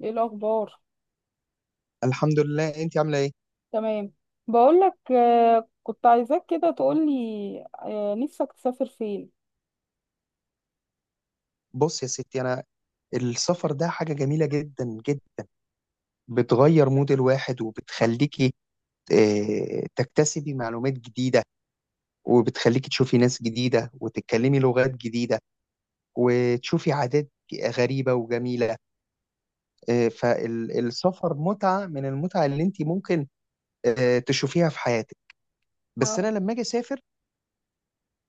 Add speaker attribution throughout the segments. Speaker 1: ايه الاخبار؟
Speaker 2: الحمد لله. انت عامله ايه؟
Speaker 1: تمام. بقولك كنت عايزاك كده تقولي. نفسك تسافر فين؟
Speaker 2: بص يا ستي، انا السفر ده حاجه جميله جدا جدا. بتغير مود الواحد وبتخليكي تكتسبي معلومات جديده، وبتخليكي تشوفي ناس جديده وتتكلمي لغات جديده وتشوفي عادات غريبه وجميله. فالسفر متعه من المتع اللي انت ممكن تشوفيها في حياتك. بس انا
Speaker 1: اه.
Speaker 2: لما اجي اسافر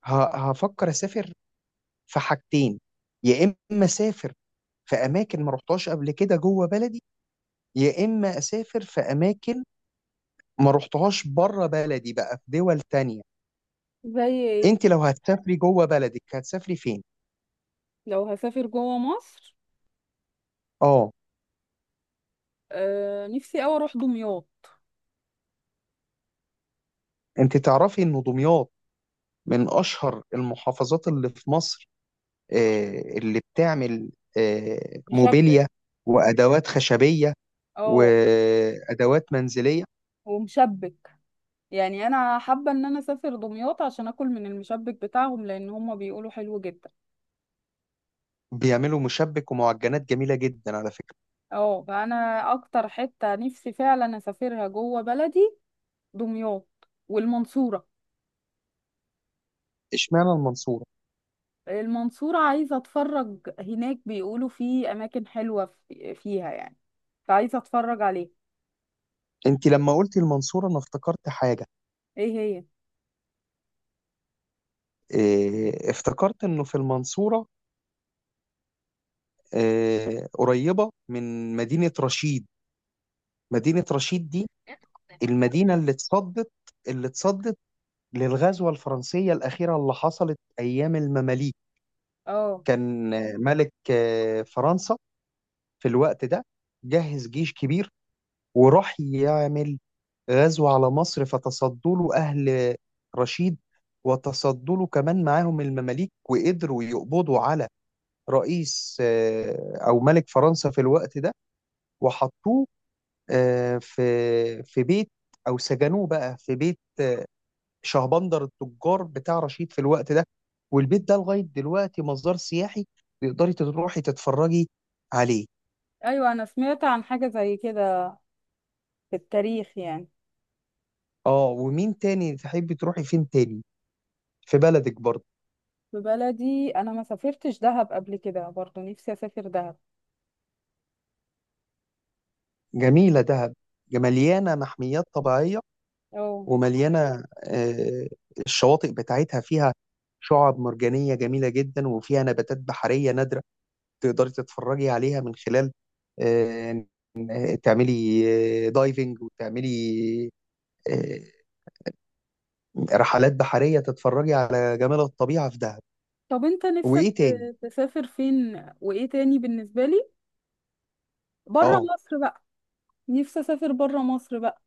Speaker 2: هفكر اسافر في حاجتين، يا اما اسافر في اماكن ما رحتهاش قبل كده جوه بلدي، يا اما اسافر في اماكن ما رحتهاش بره بلدي بقى في دول تانية.
Speaker 1: زي ايه؟
Speaker 2: انت لو هتسافري جوه بلدك هتسافري فين؟
Speaker 1: لو هسافر جوه مصر،
Speaker 2: اه،
Speaker 1: نفسي اوي اروح دمياط.
Speaker 2: انت تعرفي ان دمياط من اشهر المحافظات اللي في مصر، اللي بتعمل
Speaker 1: مشبع.
Speaker 2: موبيليا وادوات خشبية
Speaker 1: اه.
Speaker 2: وادوات منزلية.
Speaker 1: ومشبك. يعني انا حابه ان انا اسافر دمياط عشان اكل من المشبك بتاعهم لان هم بيقولوا حلو جدا.
Speaker 2: بيعملوا مشبك ومعجنات جميلة جدا على فكرة.
Speaker 1: اه، فانا اكتر حته نفسي فعلا اسافرها جوه بلدي، دمياط والمنصوره.
Speaker 2: اشمعنى المنصورة؟
Speaker 1: المنصورة عايزة اتفرج هناك، بيقولوا في اماكن حلوة فيها يعني، فعايزة اتفرج عليه.
Speaker 2: انت لما قلتي المنصورة انا افتكرت حاجة.
Speaker 1: ايه هي؟
Speaker 2: افتكرت انه في المنصورة قريبة من مدينة رشيد. مدينة رشيد دي المدينة اللي اتصدت، اللي اتصدت للغزوة الفرنسية الأخيرة اللي حصلت أيام المماليك.
Speaker 1: اه.
Speaker 2: كان ملك فرنسا في الوقت ده جهز جيش كبير وراح يعمل غزو على مصر، فتصدوا له أهل رشيد، وتصدوا له كمان معاهم المماليك، وقدروا يقبضوا على رئيس أو ملك فرنسا في الوقت ده، وحطوه آه، في في بيت، او سجنوه بقى في بيت شهبندر التجار بتاع رشيد في الوقت ده. والبيت ده لغايه دلوقتي مصدر سياحي، تقدري تروحي تتفرجي عليه.
Speaker 1: ايوه، انا سمعت عن حاجة زي كده في التاريخ يعني.
Speaker 2: اه، ومين تاني؟ تحبي تروحي فين تاني في بلدك برضه؟
Speaker 1: في بلدي انا ما سافرتش دهب قبل كده، برضه نفسي اسافر دهب.
Speaker 2: جميله دهب، مليانه محميات طبيعيه،
Speaker 1: اه.
Speaker 2: ومليانه الشواطئ بتاعتها فيها شعاب مرجانيه جميله جدا، وفيها نباتات بحريه نادره تقدري تتفرجي عليها من خلال آه، تعملي دايفنج، وتعملي آه، رحلات بحرية تتفرجي على جمال الطبيعة في دهب.
Speaker 1: طب انت نفسك
Speaker 2: وإيه تاني؟
Speaker 1: تسافر فين وايه تاني بالنسبة لي؟ بره
Speaker 2: آه،
Speaker 1: مصر بقى. نفسي اسافر بره مصر بقى،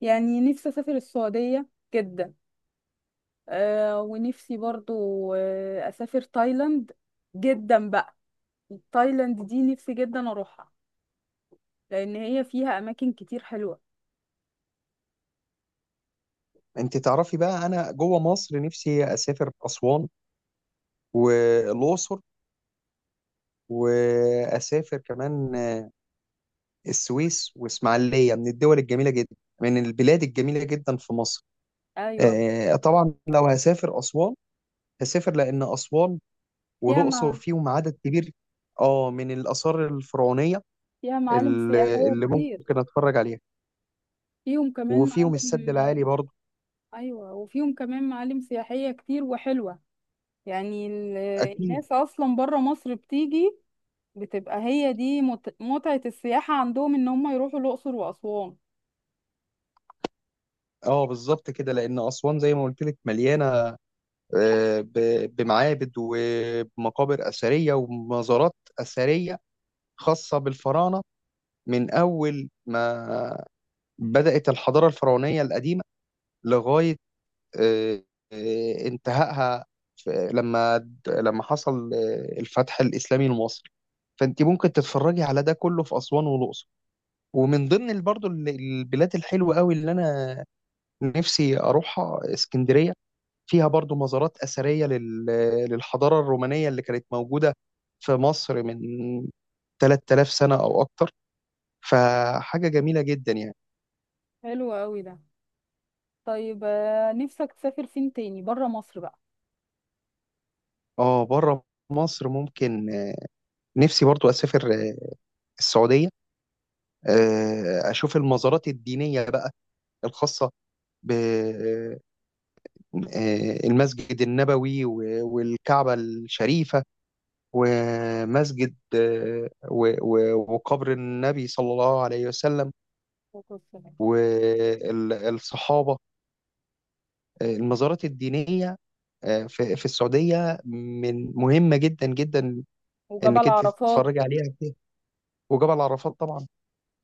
Speaker 1: يعني نفسي اسافر السعودية جدا. ونفسي برضو أسافر تايلاند جدا بقى. تايلاند دي نفسي جدا أروحها لأن هي فيها أماكن كتير حلوة.
Speaker 2: أنت تعرفي بقى أنا جوه مصر نفسي أسافر أسوان والأقصر، وأسافر كمان السويس وإسماعيلية. من الدول الجميلة جدا، من البلاد الجميلة جدا في مصر.
Speaker 1: أيوة.
Speaker 2: طبعا لو هسافر أسوان هسافر لأن أسوان
Speaker 1: فيها
Speaker 2: والأقصر
Speaker 1: مع...
Speaker 2: فيهم عدد كبير آه من الآثار الفرعونية
Speaker 1: فيها معالم
Speaker 2: اللي
Speaker 1: سياحية
Speaker 2: اللي
Speaker 1: كتير.
Speaker 2: ممكن اتفرج عليها.
Speaker 1: فيهم كمان
Speaker 2: وفيهم السد
Speaker 1: معالم.
Speaker 2: العالي برضه.
Speaker 1: أيوة، وفيهم كمان معالم سياحية كتير وحلوة يعني.
Speaker 2: اكيد.
Speaker 1: الناس أصلا برا مصر بتيجي. بتبقى هي دي مت... متعة السياحة عندهم إن هم يروحوا الأقصر وأسوان.
Speaker 2: اه بالظبط كده، لان اسوان زي ما قلت لك مليانه بمعابد ومقابر اثريه ومزارات اثريه خاصه بالفراعنه، من اول ما بدات الحضاره الفرعونيه القديمه لغايه آه، انتهائها لما حصل الفتح الاسلامي لمصر. فانت ممكن تتفرجي على ده كله في اسوان والاقصر. ومن ضمن البلاد الحلوة قوي اللي أنا نفسي أروحها اسكندرية. فيها برضو مزارات أثرية للحضارة الرومانية اللي كانت موجودة في مصر من 3000 سنة أو أكتر. فحاجة جميلة جدا يعني.
Speaker 1: حلو قوي ده. طيب، نفسك تسافر فين تاني برا مصر بقى؟
Speaker 2: اه، بره مصر ممكن، نفسي برضو أسافر السعودية، أشوف المزارات الدينية بقى الخاصة ب المسجد النبوي والكعبة الشريفة، ومسجد وقبر النبي صلى الله عليه وسلم
Speaker 1: والصلاة والسلام.
Speaker 2: والصحابة. المزارات الدينية في السعودية من مهمة جدا جدا، انك
Speaker 1: وجبل
Speaker 2: انت
Speaker 1: عرفات.
Speaker 2: تتفرجي عليها كده. وجبل عرفات طبعا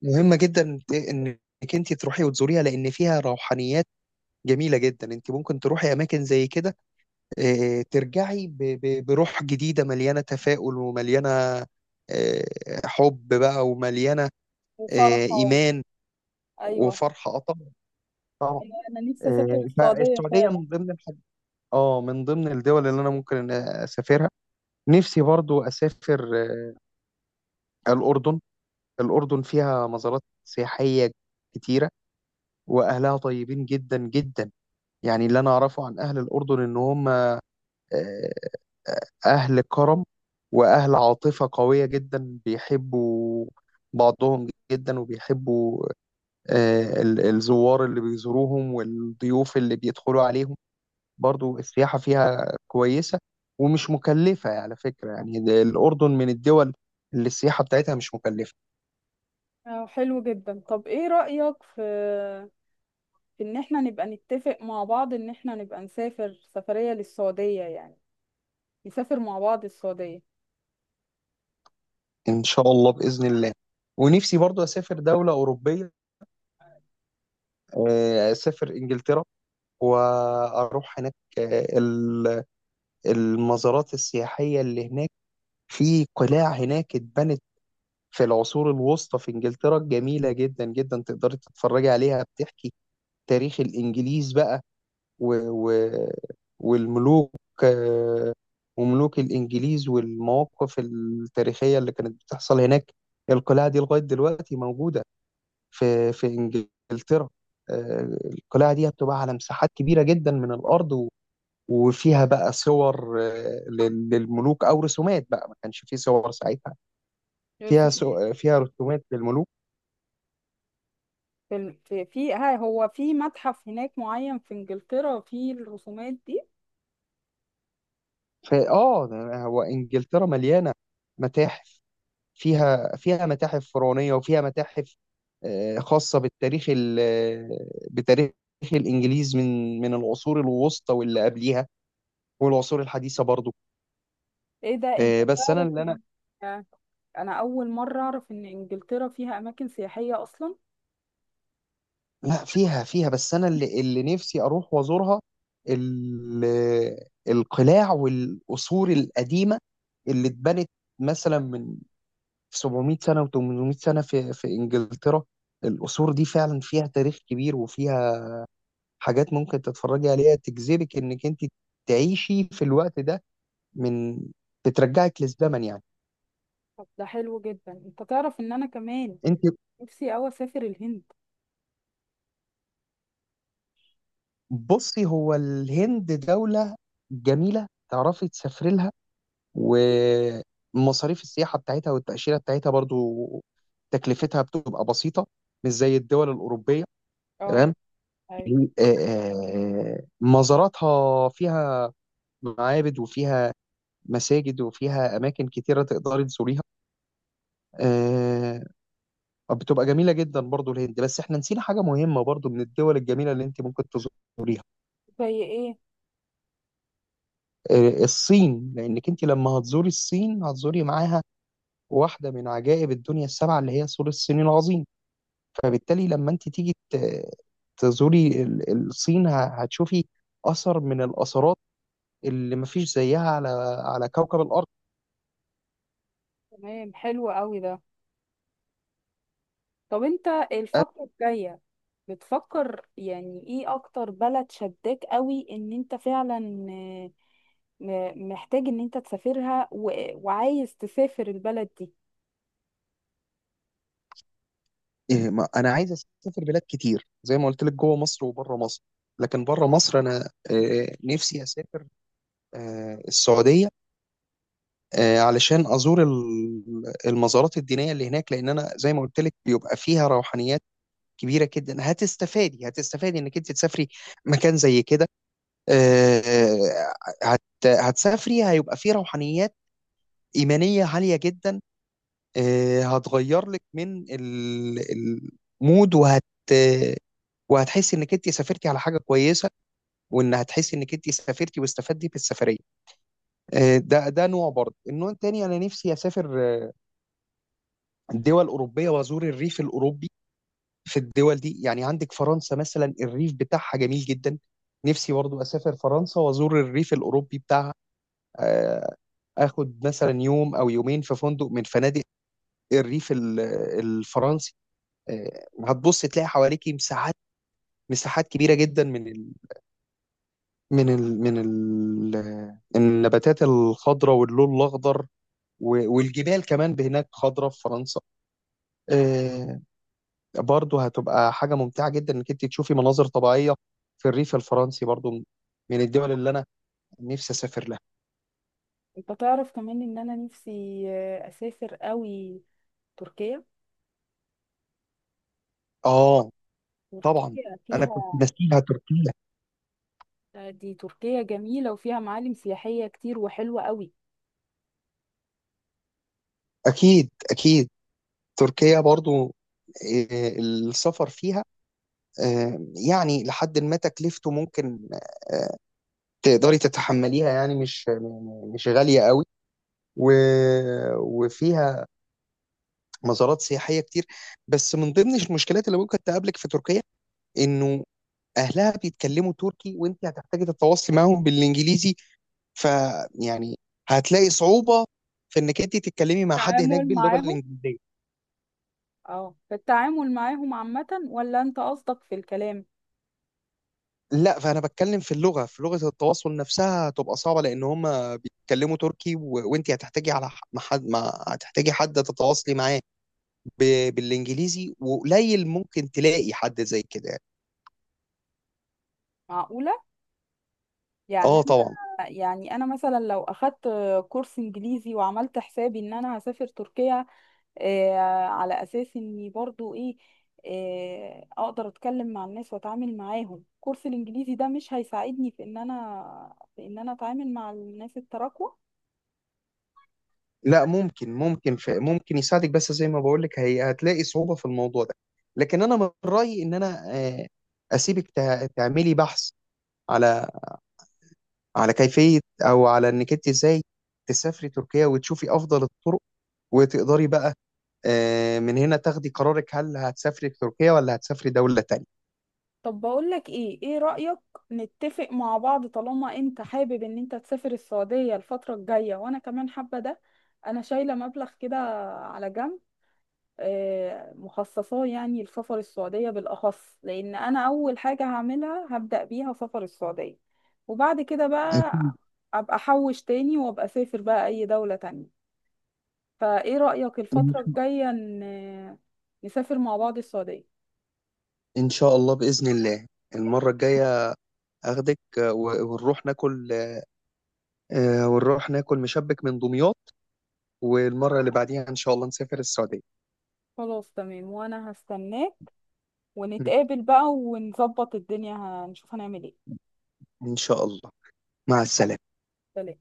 Speaker 2: مهمة جدا انك انت تروحي وتزوريها، لان فيها روحانيات جميلة جدا. انت ممكن تروحي اماكن زي كده ترجعي بروح جديدة مليانة تفاؤل، ومليانة آه، حب بقى، ومليانة
Speaker 1: وفرحة و...
Speaker 2: إيمان
Speaker 1: أيوة.
Speaker 2: وفرحة آه طبعا. طبعا.
Speaker 1: أيوة، أنا نفسي أسافر السعودية
Speaker 2: فالسعودية
Speaker 1: فعلا.
Speaker 2: من ضمن الحاجات، اه من ضمن الدول اللي أنا ممكن أسافرها. نفسي برضو أسافر الأردن. الأردن فيها مزارات سياحية كتيرة، وأهلها طيبين جدا جدا. يعني اللي أنا أعرفه عن أهل الأردن إن هم آه، أهل كرم وأهل عاطفة قوية جدا، بيحبوا بعضهم جدا، وبيحبوا الزوار اللي بيزوروهم والضيوف اللي بيدخلوا عليهم. برضو السياحة فيها كويسة، ومش مكلفة يعني على فكرة. يعني ده الأردن من الدول اللي السياحة بتاعتها مش مكلفة.
Speaker 1: حلو جدا. طب إيه رأيك في إن إحنا نبقى نتفق مع بعض، إن إحنا نبقى نسافر سفرية للسعودية يعني، نسافر مع بعض السعودية.
Speaker 2: إن شاء الله بإذن الله. ونفسي برضو أسافر دولة أوروبية، أسافر إنجلترا، وأروح هناك المزارات السياحية اللي هناك. في قلاع هناك اتبنت في العصور الوسطى في إنجلترا جميلة جدا جدا، تقدري تتفرجي عليها. بتحكي تاريخ الإنجليز بقى و... و... والملوك، آه، وملوك الإنجليز والمواقف التاريخية اللي كانت بتحصل هناك. القلاع دي لغاية دلوقتي موجودة في إنجلترا. القلاع دي بتبقى على مساحات كبيرة جدا من الأرض، وفيها بقى صور للملوك أو رسومات بقى، ما كانش فيه صور ساعتها.
Speaker 1: يا رسول-
Speaker 2: فيها رسومات للملوك.
Speaker 1: في ال- في في- ها هو في متحف هناك معين في إنجلترا فيه الرسومات دي.
Speaker 2: فآه هو إنجلترا مليانة متاحف. فيها متاحف فرعونية، وفيها متاحف خاصة بالتاريخ ال- آه، بتاريخ الإنجليز من العصور الوسطى واللي قبليها، والعصور الحديثة برضو.
Speaker 1: إيه ده أنت
Speaker 2: آه، بس أنا
Speaker 1: تعرف
Speaker 2: اللي
Speaker 1: إن-
Speaker 2: أنا
Speaker 1: آه، أنا أول مرة أعرف إن إنجلترا فيها أماكن سياحية أصلا.
Speaker 2: لا، فيها فيها. بس أنا اللي نفسي أروح وأزورها القلاع والقصور القديمة اللي اتبنت مثلا من 700 سنة و800 سنة في إنجلترا. القصور دي فعلا فيها تاريخ كبير، وفيها حاجات ممكن تتفرجي عليها تجذبك انك انت تعيشي في الوقت ده. من بترجعك للزمن يعني.
Speaker 1: طب ده حلو جدا. انت تعرف ان انا كمان
Speaker 2: انت
Speaker 1: نفسي اوي اسافر الهند.
Speaker 2: بصي، هو الهند دولة جميلة تعرفي تسافري لها. ومصاريف السياحة بتاعتها والتأشيرة بتاعتها برضو تكلفتها بتبقى بسيطة، مش زي الدول الأوروبية.
Speaker 1: اه.
Speaker 2: تمام.
Speaker 1: ايوه.
Speaker 2: مزاراتها فيها معابد، وفيها مساجد، وفيها أماكن كتيرة تقدري تزوريها. آه، بتبقى جميلة جدا برضو الهند. بس احنا نسينا حاجة مهمة برضو من الدول الجميلة اللي انت ممكن تزوريها،
Speaker 1: زي ايه؟
Speaker 2: الصين. لانك انت لما هتزوري الصين هتزوري معاها واحدة من عجائب الدنيا السبعة، اللي هي سور الصين العظيم. فبالتالي لما انت تيجي تزوري الصين هتشوفي أثر من الأثرات اللي مفيش زيها على على كوكب الأرض.
Speaker 1: تمام، حلو قوي ده. طب انت
Speaker 2: أنا
Speaker 1: الفترة الجاية بتفكر يعني ايه اكتر بلد شداك قوي ان انت فعلا آه، محتاج ان انت تسافرها وعايز تسافر البلد دي؟
Speaker 2: إيه، ما- أنا عايز أسافر بلاد كتير زي ما قلت لك جوه مصر وبره مصر. لكن بره مصر أنا نفسي أسافر السعودية، علشان ازور المزارات الدينيه اللي هناك، لان انا زي ما قلت لك بيبقى فيها روحانيات كبيره جدا. هتستفادي، هتستفادي انك انت تسافري مكان زي كده. آه، هت هتسافري هيبقى فيه روحانيات ايمانيه عاليه جدا، هتغير لك من المود. وهتحسي انك انت سافرتي على حاجه كويسه، وان هتحسي انك انت سافرتي واستفدتي في السفريه. ده نوع، برضه النوع التاني انا نفسي اسافر دول أوروبية وأزور الريف الأوروبي في الدول دي. يعني عندك فرنسا مثلا، الريف بتاعها جميل جدا. نفسي برضو أسافر فرنسا وأزور الريف الأوروبي بتاعها، آه، آخد مثلا يوم أو يومين في فندق من فنادق الريف الفرنسي. هتبص تلاقي حواليكي مساحات كبيرة جدا من النباتات الخضراء واللون الأخضر، والجبال كمان هناك خضراء في فرنسا. آه، برضه هتبقى حاجة ممتعة جدا انك انت تشوفي مناظر طبيعية في الريف الفرنسي برضه، من الدول اللي انا نفسي اسافر لها.
Speaker 1: انت تعرف كمان ان انا نفسي اسافر قوي تركيا.
Speaker 2: اه طبعا،
Speaker 1: تركيا
Speaker 2: انا كنت
Speaker 1: فيها،
Speaker 2: ناسيها تركيا.
Speaker 1: دي تركيا جميلة وفيها معالم سياحية كتير وحلوة قوي.
Speaker 2: اكيد اكيد. تركيا برضه السفر فيها آه، يعني لحد ما تكلفته ممكن آه، تقدري تتحمليها، يعني مش مش غالية قوي. و... وفيها مزارات سياحية كتير. بس من ضمن المشكلات اللي ممكن تقابلك في تركيا، انه اهلها بيتكلموا تركي، وانت هتحتاجي تتواصلي معاهم بالانجليزي. فيعني هتلاقي صعوبه في انك انت تتكلمي مع حد هناك
Speaker 1: التعامل
Speaker 2: باللغه
Speaker 1: معاهم،
Speaker 2: الانجليزيه.
Speaker 1: اه، في التعامل معاهم عامة ولا انت قصدك في الكلام؟
Speaker 2: لا، فانا بتكلم في اللغه، في لغه التواصل نفسها هتبقى صعبه، لان هم بيتكلموا تركي وانت هتحتاجي على ح- مع حد مع... هتحتاجي حد تتواصلي معاه ب... بالانجليزي، وقليل ممكن تلاقي حد زي كده يعني.
Speaker 1: معقولة. يعني
Speaker 2: اه طبعا.
Speaker 1: انا يعني انا مثلا لو اخدت كورس انجليزي وعملت حسابي ان انا هسافر تركيا، آه على اساس اني برضو ايه، اقدر اتكلم مع الناس واتعامل معاهم، كورس الانجليزي ده مش هيساعدني في ان انا اتعامل مع الناس التراكوة؟
Speaker 2: لا ممكن ممكن ممكن يساعدك، بس زي ما بقول لك هي هتلاقي صعوبة في الموضوع ده. لكن انا من رأيي ان انا اسيبك تعملي بحث على كيفية او على انك انت ازاي تسافري تركيا وتشوفي افضل الطرق، وتقدري بقى من هنا تاخدي قرارك، هل هتسافري تركيا ولا هتسافري دولة تانية.
Speaker 1: طب بقولك ايه رأيك، نتفق مع بعض طالما انت حابب ان انت تسافر السعودية الفترة الجاية وانا كمان حابة ده. انا شايلة مبلغ كده على جنب، مخصصاه يعني لسفر السعودية بالأخص، لأن أنا أول حاجة هعملها هبدأ بيها سفر السعودية. وبعد كده
Speaker 2: أكيد.
Speaker 1: بقى أبقى أحوش تاني وأبقى أسافر بقى أي دولة تانية. فإيه رأيك، الفترة الجاية نسافر مع بعض السعودية؟
Speaker 2: إن شاء الله بإذن الله. المرة الجاية أخدك ونروح ناكل، ونروح ناكل مشبك من دمياط، والمرة اللي بعديها إن شاء الله نسافر السعودية.
Speaker 1: خلاص تمام، وأنا هستناك، ونتقابل بقى ونظبط الدنيا، هنشوف هنعمل ايه.
Speaker 2: إن شاء الله. مع السلامة.
Speaker 1: سلام.